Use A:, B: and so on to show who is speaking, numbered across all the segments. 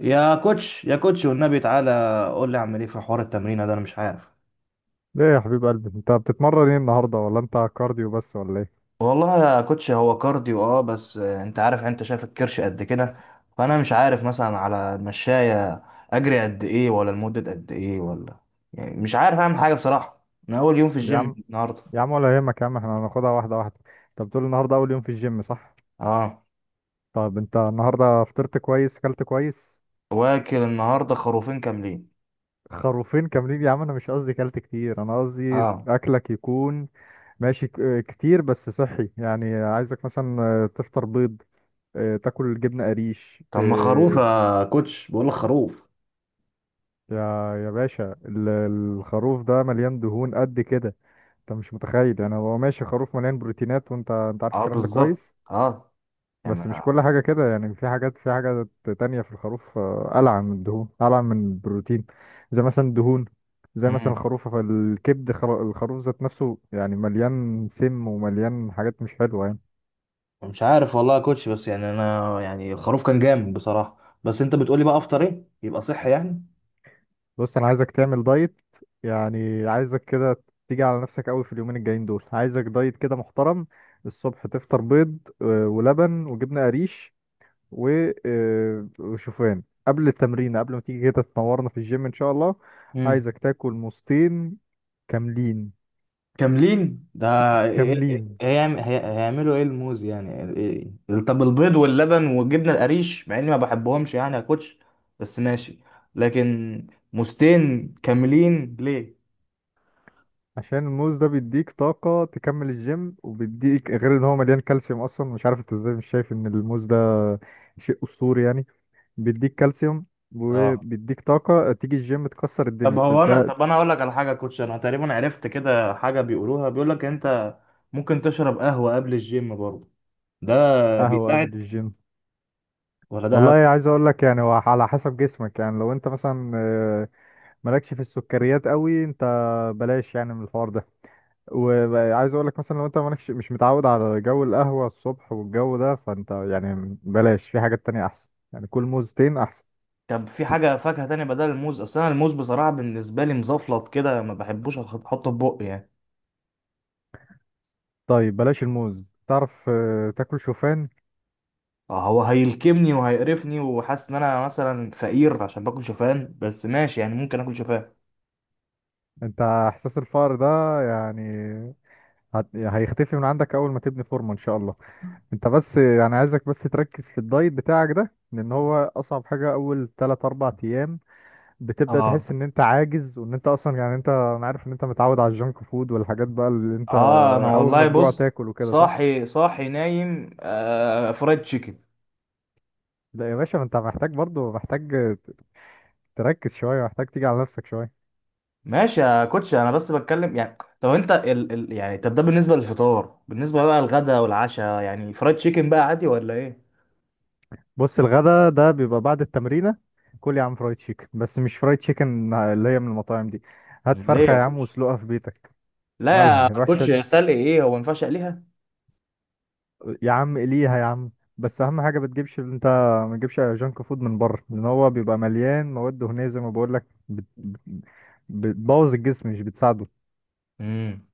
A: يا كوتش، يا كوتش، والنبي تعالى قول لي اعمل ايه في حوار التمرين ده. انا مش عارف.
B: ليه يا حبيب قلبي، انت بتتمرن ايه النهارده ولا انت كارديو بس ولا ايه؟
A: والله يا كوتش هو كارديو اه بس انت عارف، انت شايف الكرش قد كده. فانا مش عارف مثلا على المشاية اجري قد ايه، ولا لمدة قد ايه، ولا يعني مش عارف اعمل حاجة بصراحة. انا اول يوم في
B: يا
A: الجيم
B: عم،
A: النهاردة.
B: يا عم ولا يهمك يا عم، احنا هناخدها واحده واحده. انت بتقول النهارده اول يوم في الجيم صح؟
A: اه.
B: طب انت النهارده فطرت كويس، اكلت كويس؟
A: واكل النهاردة خروفين كاملين.
B: خروفين كاملين؟ يا عم انا مش قصدي اكلت كتير، انا قصدي
A: اه.
B: اكلك يكون ماشي كتير بس صحي. يعني عايزك مثلا تفطر بيض، اه، تاكل جبنه قريش
A: طب ما خروف يا كوتش، بقول لك خروف.
B: يا يا باشا، الخروف ده مليان دهون قد كده. انت مش متخيل، يعني هو ماشي خروف مليان بروتينات، وانت عارف
A: اه
B: الكلام ده كويس.
A: بالظبط. اه.
B: بس مش كل حاجة كده، يعني في حاجات، في حاجة تانية في الخروف ألعن من الدهون، ألعن من البروتين. زي مثلا الدهون، زي مثلا
A: يعني
B: الخروف فالكبد الخروف ذات نفسه يعني مليان سم ومليان حاجات مش حلوة يعني.
A: مش عارف والله يا كوتش، بس يعني انا يعني الخروف كان جامد بصراحه. بس انت بتقولي بقى افطر ايه يبقى صحي يعني؟
B: بص، أنا عايزك تعمل دايت، يعني عايزك كده تيجي على نفسك قوي في اليومين الجايين دول. عايزك دايت كده محترم. الصبح تفطر بيض ولبن وجبنة قريش وشوفان قبل التمرين، قبل ما تيجي كده تنورنا في الجيم ان شاء الله.
A: امم.
B: عايزك تاكل موزتين كاملين.
A: كاملين ده؟ إيه؟ إيه
B: كاملين.
A: هيعملوا ايه الموز يعني؟ إيه؟ إيه؟ طب البيض واللبن والجبنه القريش مع اني ما بحبهمش يعني يا كوتش، بس ماشي، لكن موزتين كاملين ليه؟
B: عشان الموز ده بيديك طاقة تكمل الجيم، وبيديك غير ان هو مليان كالسيوم. اصلا مش عارف انت ازاي مش شايف ان الموز ده شيء اسطوري يعني. بيديك كالسيوم
A: اه.
B: وبيديك طاقة تيجي الجيم تكسر
A: طب
B: الدنيا
A: هو انا،
B: ده.
A: طب انا اقول لك على حاجه يا كوتش، انا تقريبا عرفت كده حاجه بيقولوها، بيقول لك انت ممكن تشرب قهوه قبل الجيم برضه، ده
B: قهوة قبل
A: بيساعد
B: الجيم؟
A: ولا
B: والله
A: ده؟
B: عايز اقول لك، يعني هو على حسب جسمك. يعني لو انت مثلا مالكش في السكريات قوي انت، بلاش يعني من الحوار ده. وعايز اقول لك مثلا لو انت مالكش، مش متعود على جو القهوة الصبح والجو ده، فانت يعني بلاش، في حاجات تانية احسن. يعني كل موزتين احسن.
A: طب في حاجة فاكهة تانية بدل الموز؟ أصل أنا الموز بصراحة بالنسبة لي مزفلط كده، ما بحبوش أحطه في بقي يعني.
B: طيب بلاش الموز، تعرف تاكل شوفان.
A: هو هيلكمني وهيقرفني، وحاسس إن أنا مثلا فقير عشان باكل شوفان، بس ماشي يعني ممكن آكل شوفان.
B: انت احساس الفقر ده يعني هيختفي من عندك اول ما تبني فورمة ان شاء الله. انت بس يعني عايزك بس تركز في الدايت بتاعك ده، لان هو اصعب حاجة. اول 3 4 ايام بتبدأ
A: آه.
B: تحس ان انت عاجز، وان انت اصلا يعني انت، انا عارف ان انت متعود على الجنك فود والحاجات بقى اللي انت
A: آه أنا
B: اول ما
A: والله
B: تجوع
A: بص،
B: تاكل وكده صح.
A: صاحي صاحي نايم آه فرايد تشيكن.
B: لا يا باشا، ما انت محتاج برضو، محتاج ت- تركز شوية، محتاج تيجي على نفسك شوية.
A: ماشي يا كوتش، أنا بس بتكلم يعني. طب أنت ال يعني، طب ده بالنسبة للفطار، بالنسبة بقى للغدا والعشاء يعني فرايد تشيكن بقى عادي ولا إيه؟
B: بص الغدا ده بيبقى بعد التمرينة. كل يا عم فرايد تشيكن، بس مش فرايد تشيكن اللي هي من المطاعم دي. هات
A: ليه
B: فرخة
A: يا
B: يا عم
A: كوتش؟
B: واسلقها في بيتك.
A: لا يا
B: مالها الوحشة
A: كوتش، يا
B: دي؟
A: سلقي إيه، هو ما ينفعش أقليها؟
B: يا عم ليها يا عم. بس اهم حاجه ما تجيبش انت، ما تجيبش جانك فود من بره، لان هو بيبقى مليان مواد دهنيه زي ما بقول لك. بتبوظ الجسم مش بتساعده.
A: امم.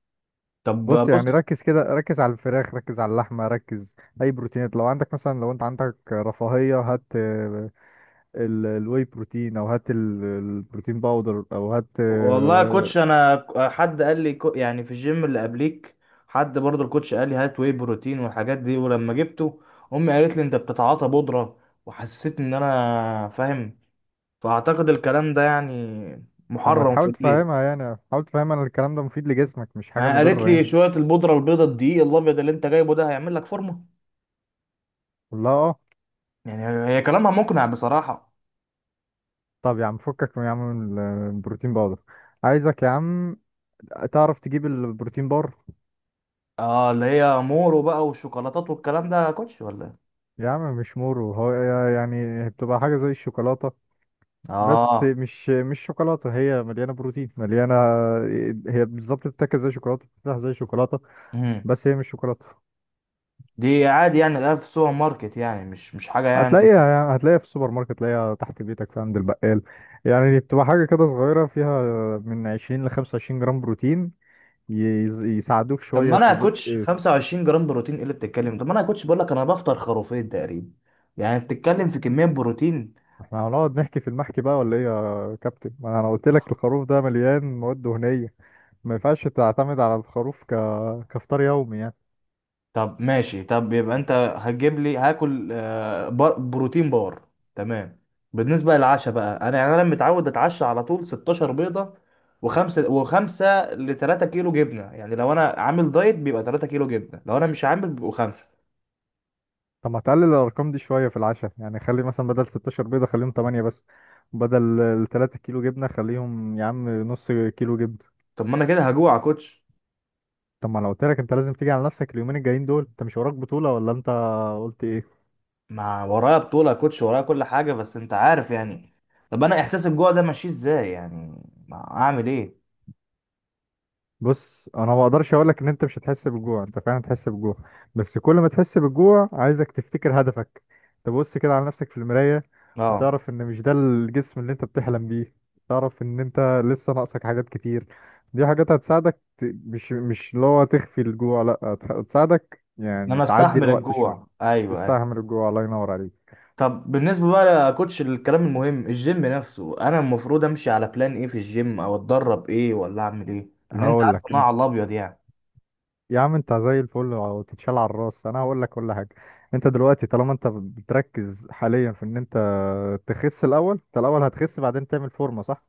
A: طب
B: بص
A: بص.
B: يعني ركز كده، ركز على الفراخ، ركز على اللحمه، ركز. اي بروتينات لو عندك، مثلا لو انت عندك رفاهيه هات الواي بروتين، او هات البروتين باودر، او هات
A: والله يا كوتش، انا حد قال لي يعني في الجيم اللي قبليك، حد برضه الكوتش قال لي هات واي بروتين والحاجات دي، ولما جبته امي قالت لي انت بتتعاطى بودرة، وحسيت ان انا فاهم، فاعتقد الكلام ده يعني
B: طب ما
A: محرم في
B: تحاول
A: البيت.
B: تفهمها يعني، حاول تفهمها ان الكلام ده مفيد لجسمك، مش حاجه
A: ما هي قالت
B: مضره يعني.
A: لي شوية البودرة البيضة الدقيق الابيض اللي انت جايبه ده هيعمل لك فورمة.
B: قول لها اه.
A: يعني هي كلامها مقنع بصراحة.
B: طب يا عم فكك من يا عم من البروتين باودر. عايزك يا عم تعرف تجيب البروتين بار.
A: اه، اللي هي مورو بقى، والشوكولاتات والكلام ده يا كوتش، ولا إيه؟
B: يا عم مش مورو هو، يعني بتبقى حاجة زي الشوكولاتة بس
A: اه.
B: مش شوكولاتة. هي مليانة بروتين مليانة. هي بالظبط بتتاكل زي شوكولاتة، بتتفتح زي شوكولاتة، بس هي مش شوكولاتة.
A: دي عادي يعني الاقيها في السوبر ماركت يعني، مش مش حاجه يعني.
B: هتلاقيها يعني، هتلاقيها في السوبر ماركت، تلاقيها تحت بيتك في عند البقال. يعني بتبقى حاجة كده صغيرة فيها من 20 ل 25 جرام بروتين، يساعدوك
A: طب ما
B: شوية
A: انا يا
B: تزق.
A: كوتش 25 جرام بروتين ايه اللي بتتكلم؟ طب ما انا يا كوتش بقول لك انا بفطر خروفين تقريبا، يعني بتتكلم في كميه بروتين.
B: احنا هنقعد نحكي في المحكي بقى ولا ايه يا كابتن؟ ما انا قلت لك الخروف ده مليان مواد دهنية، ما ينفعش تعتمد على الخروف كفطار يومي يعني.
A: طب ماشي، طب يبقى انت هتجيب لي هاكل بروتين بار. تمام. بالنسبه للعشاء بقى، انا يعني انا متعود اتعشى على طول 16 بيضه وخمسه، وخمسه ل 3 كيلو جبنه. يعني لو انا عامل دايت بيبقى 3 كيلو جبنه، لو انا مش عامل بيبقوا خمسه.
B: طب ما تقلل الارقام دي شوية في العشاء يعني. خلي مثلا بدل 16 بيضة خليهم 8 بس، بدل ال 3 كيلو جبنة خليهم يا عم نص كيلو جبنة.
A: طب ما انا كده هجوع يا كوتش.
B: طب ما انا قلت لك انت لازم تيجي على نفسك اليومين الجايين دول. انت مش وراك بطولة ولا انت قلت ايه؟
A: ما ورايا بطولة يا كوتش، ورايا كل حاجة بس انت عارف يعني. طب انا احساس الجوع ده ماشي ازاي يعني، ما اعمل ايه؟
B: بص انا ما اقدرش اقول لك ان انت مش هتحس بالجوع. انت فعلا هتحس بالجوع، بس كل ما تحس بالجوع عايزك تفتكر هدفك، تبص كده على نفسك في المراية
A: اه.
B: وتعرف ان مش ده الجسم اللي انت بتحلم بيه. تعرف ان انت لسه ناقصك حاجات كتير. دي حاجات هتساعدك مش اللي هو تخفي الجوع، لا، هتساعدك
A: ان
B: يعني
A: انا
B: تعدي
A: استحمل
B: الوقت شوية.
A: الجوع، ايوه، ايوه.
B: تستحمل الجوع، الله ينور عليك.
A: طب بالنسبة بقى يا كوتش الكلام المهم، الجيم نفسه انا المفروض امشي على بلان ايه في الجيم، او اتدرب ايه، ولا اعمل ايه، لان انت
B: هقول
A: عارف
B: لك
A: إن انا على الابيض يعني.
B: يا عم، انت زي الفل وتتشال على الراس. انا هقول لك كل حاجه. انت دلوقتي طالما انت بتركز حاليا في ان انت تخس الاول، انت الاول هتخس بعدين تعمل فورمه صح.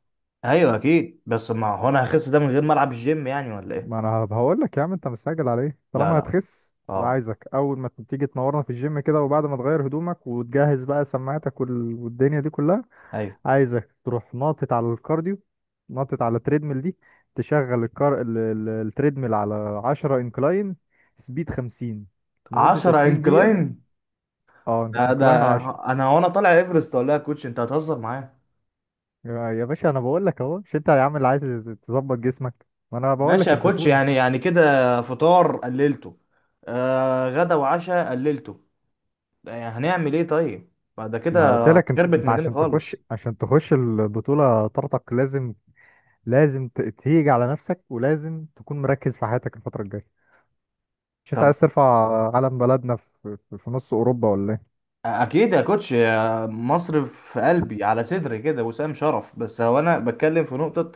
A: ايوه اكيد، بس ما هو انا هخس ده من غير ما العب الجيم يعني ولا ايه؟
B: ما انا هقول لك يا عم انت مستعجل على ايه؟
A: لا،
B: طالما
A: لا.
B: هتخس، يبقى
A: اه.
B: عايزك اول ما تيجي تنورنا في الجيم كده، وبعد ما تغير هدومك وتجهز بقى سماعتك والدنيا دي كلها،
A: ايوه.
B: عايزك تروح ناطط على الكارديو، ناطط على التريدميل دي. تشغل التريدميل على 10 انكلاين، سبيد 50، لمدة
A: 10
B: 20 دقيقة.
A: انكلاين؟
B: اه
A: ده
B: انكلاين 10.
A: انا وانا طالع ايفرست ولا إيه يا كوتش؟ انت هتهزر معايا؟
B: يا باشا انا بقول لك اهو، مش انت يا عم اللي عايز تظبط جسمك؟ ما انا بقول
A: ماشي
B: لك
A: يا كوتش
B: الزتونه.
A: يعني كده. فطار قللته، آه غدا وعشاء قللته، يعني هنعمل ايه طيب بعد كده؟
B: ما انا قلت لك انت
A: خربت
B: انت
A: مننا
B: عشان تخش،
A: خالص.
B: عشان تخش البطوله طارتك، لازم، لازم تيجي على نفسك، ولازم تكون مركز في حياتك الفتره الجايه. مش انت
A: طب.
B: عايز ترفع علم بلدنا في نص اوروبا ولا ايه؟
A: اكيد يا كوتش، يا مصر في قلبي على صدري كده وسام شرف، بس هو انا بتكلم في نقطة.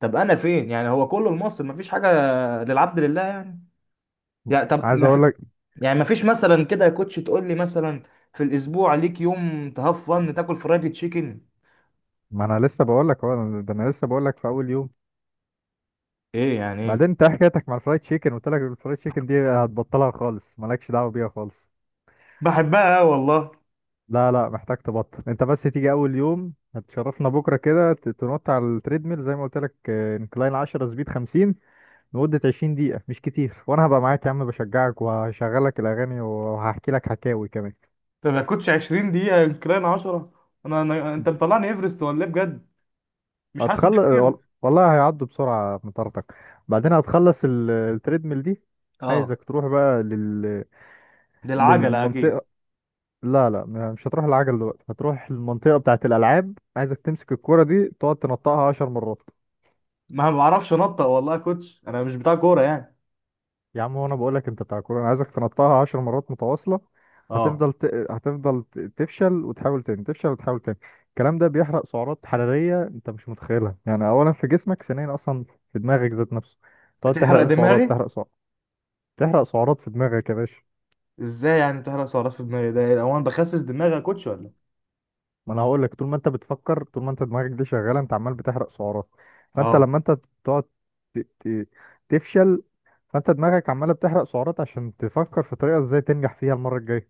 A: طب انا فين يعني، هو كله لمصر مفيش حاجة للعبد لله يعني؟ يعني طب
B: عايز اقول لك،
A: يعني مفيش مثلا كده يا كوتش تقول لي مثلا في الاسبوع ليك يوم تهفن تاكل فرايدي تشيكن؟
B: ما انا لسه بقول لك اهو، ده انا لسه بقول لك في اول يوم.
A: ايه يعني ايه؟
B: بعدين انت إيه حكايتك مع الفرايد تشيكن؟ قلت لك الفرايد تشيكن دي هتبطلها خالص، مالكش دعوه بيها خالص.
A: بحبها والله.
B: لا لا، محتاج تبطل. انت بس تيجي اول يوم هتشرفنا بكره كده، تنط على التريدميل زي ما قلت لك، انكلاين 10، سبيد 50، لمده 20 دقيقه. مش كتير، وانا هبقى معاك يا عم بشجعك، وهشغلك الاغاني، وهحكي لك حكاوي كمان.
A: ده ما كنتش 20 دقيقة، يمكن أنا 10. أنا أنت مطلعني إيفرست ولا إيه بجد؟ مش حاسس إن ده
B: هتخلص،
A: كتير؟
B: والله هيعدوا بسرعه مطارتك. بعدين هتخلص التريدميل دي،
A: أه.
B: عايزك تروح بقى
A: دي العجلة أكيد.
B: للمنطقه. لا لا، مش هتروح العجل دلوقتي. هتروح المنطقه بتاعه الالعاب. عايزك تمسك الكره دي تقعد تنطقها 10 مرات.
A: ما بعرفش أنطق والله يا كوتش، أنا مش بتاع كورة يعني.
B: يا عم وانا بقول لك انت بتاع كوره. انا عايزك تنطها 10 مرات متواصله.
A: أه.
B: هتفضل ت... هتفضل تفشل وتحاول تاني، تفشل وتحاول تاني. الكلام ده بيحرق سعرات حراريه انت مش متخيلها يعني. اولا في جسمك، ثانيا اصلا في دماغك ذات نفسه. تقعد
A: بتحرق
B: تحرق سعرات،
A: دماغي؟
B: تحرق سعرات. تحرق سعرات في دماغك يا باشا.
A: إزاي يعني بتحرق سعرات في دماغي؟ ده هو أنا بخسس دماغي يا كوتش ولا؟ إيه؟
B: ما انا هقول لك طول ما انت بتفكر، طول ما انت دماغك دي شغاله، انت عمال بتحرق سعرات. فانت
A: أه.
B: لما انت تقعد ت... ت... تفشل، فانت دماغك عماله بتحرق سعرات عشان تفكر في طريقه ازاي تنجح فيها المره الجايه.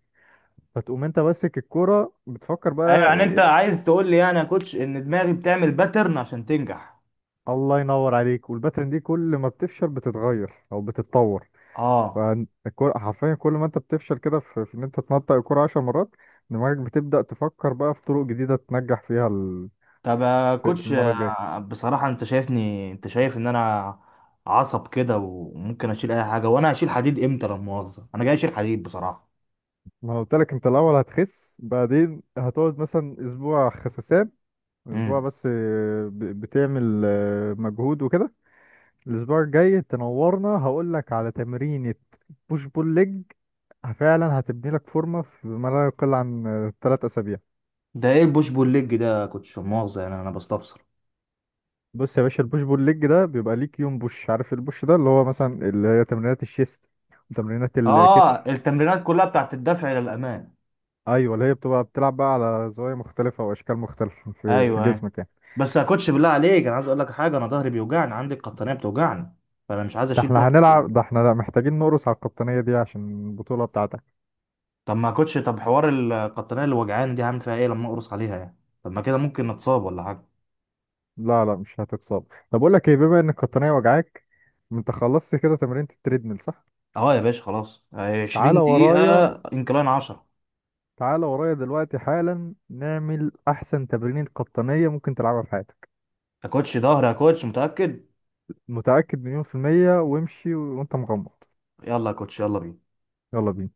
B: فتقوم انت ماسك الكوره بتفكر
A: أيوه،
B: بقى
A: يعني أنت عايز تقول لي يعني يا كوتش إن دماغي بتعمل باترن عشان تنجح؟
B: الله ينور عليك. والباترن دي كل ما بتفشل بتتغير او بتتطور.
A: أه.
B: فالكوره حرفيا كل ما انت بتفشل كده في ان انت تنطق الكوره 10 مرات، دماغك بتبدأ تفكر بقى في طرق جديدة تنجح فيها
A: طب يا
B: في في
A: كوتش
B: المرة الجاية.
A: بصراحة انت شايفني، انت شايف ان انا عصب كده وممكن اشيل اي حاجة، وانا هشيل حديد امتى؟ لا مؤاخذة، انا جاي اشيل حديد بصراحة.
B: ما انا قلت لك انت الاول هتخس، بعدين هتقعد مثلا اسبوع خسسان، اسبوع
A: امم.
B: بس بتعمل مجهود وكده. الاسبوع الجاي تنورنا هقول لك على تمرينة بوش بول ليج، فعلا هتبني لك فورمه في ما لا يقل عن 3 اسابيع.
A: ده ايه البوش بول ليج ده يا كوتش، لا مؤاخذة يعني انا بستفسر.
B: بص يا باشا البوش بول ليج ده بيبقى ليك يوم بوش. عارف البوش ده اللي هو مثلا اللي هي تمرينات الشيست وتمرينات
A: اه،
B: الكتف.
A: التمرينات كلها بتاعت الدفع الى الامام
B: ايوه اللي هي بتبقى بتلعب بقى على زوايا مختلفه واشكال مختلفه في
A: ايوه، ايوه.
B: جسمك يعني.
A: بس يا كوتش بالله عليك، انا عايز اقول لك حاجة، انا ظهري بيوجعني، عندي القطنية بتوجعني، فانا مش عايز
B: ده
A: اشيل
B: احنا
A: برضه.
B: هنلعب، ده احنا محتاجين نقرص على القطنيه دي عشان البطوله بتاعتك.
A: طب ما يا كوتش، طب حوار القطنية اللي وجعاني دي هعمل فيها ايه لما اقرص عليها يعني؟ طب ما كده ممكن نتصاب ولا حاجة؟
B: لا لا، مش هتتصاب. طب اقول لك ايه؟ بما ان القطنيه وجعاك، انت خلصت كده تمرينة التريدميل صح؟
A: اه يا باشا، خلاص، 20
B: تعالى
A: دقيقة،
B: ورايا.
A: انكلاين 10.
B: تعالى ورايا دلوقتي حالا نعمل أحسن تمرينة قطنية ممكن تلعبها في حياتك.
A: يا كوتش ظهر يا كوتش، متأكد؟
B: متأكد مليون في المية، وامشي وانت مغمض.
A: يلا يا كوتش، يلا بينا.
B: يلا بينا.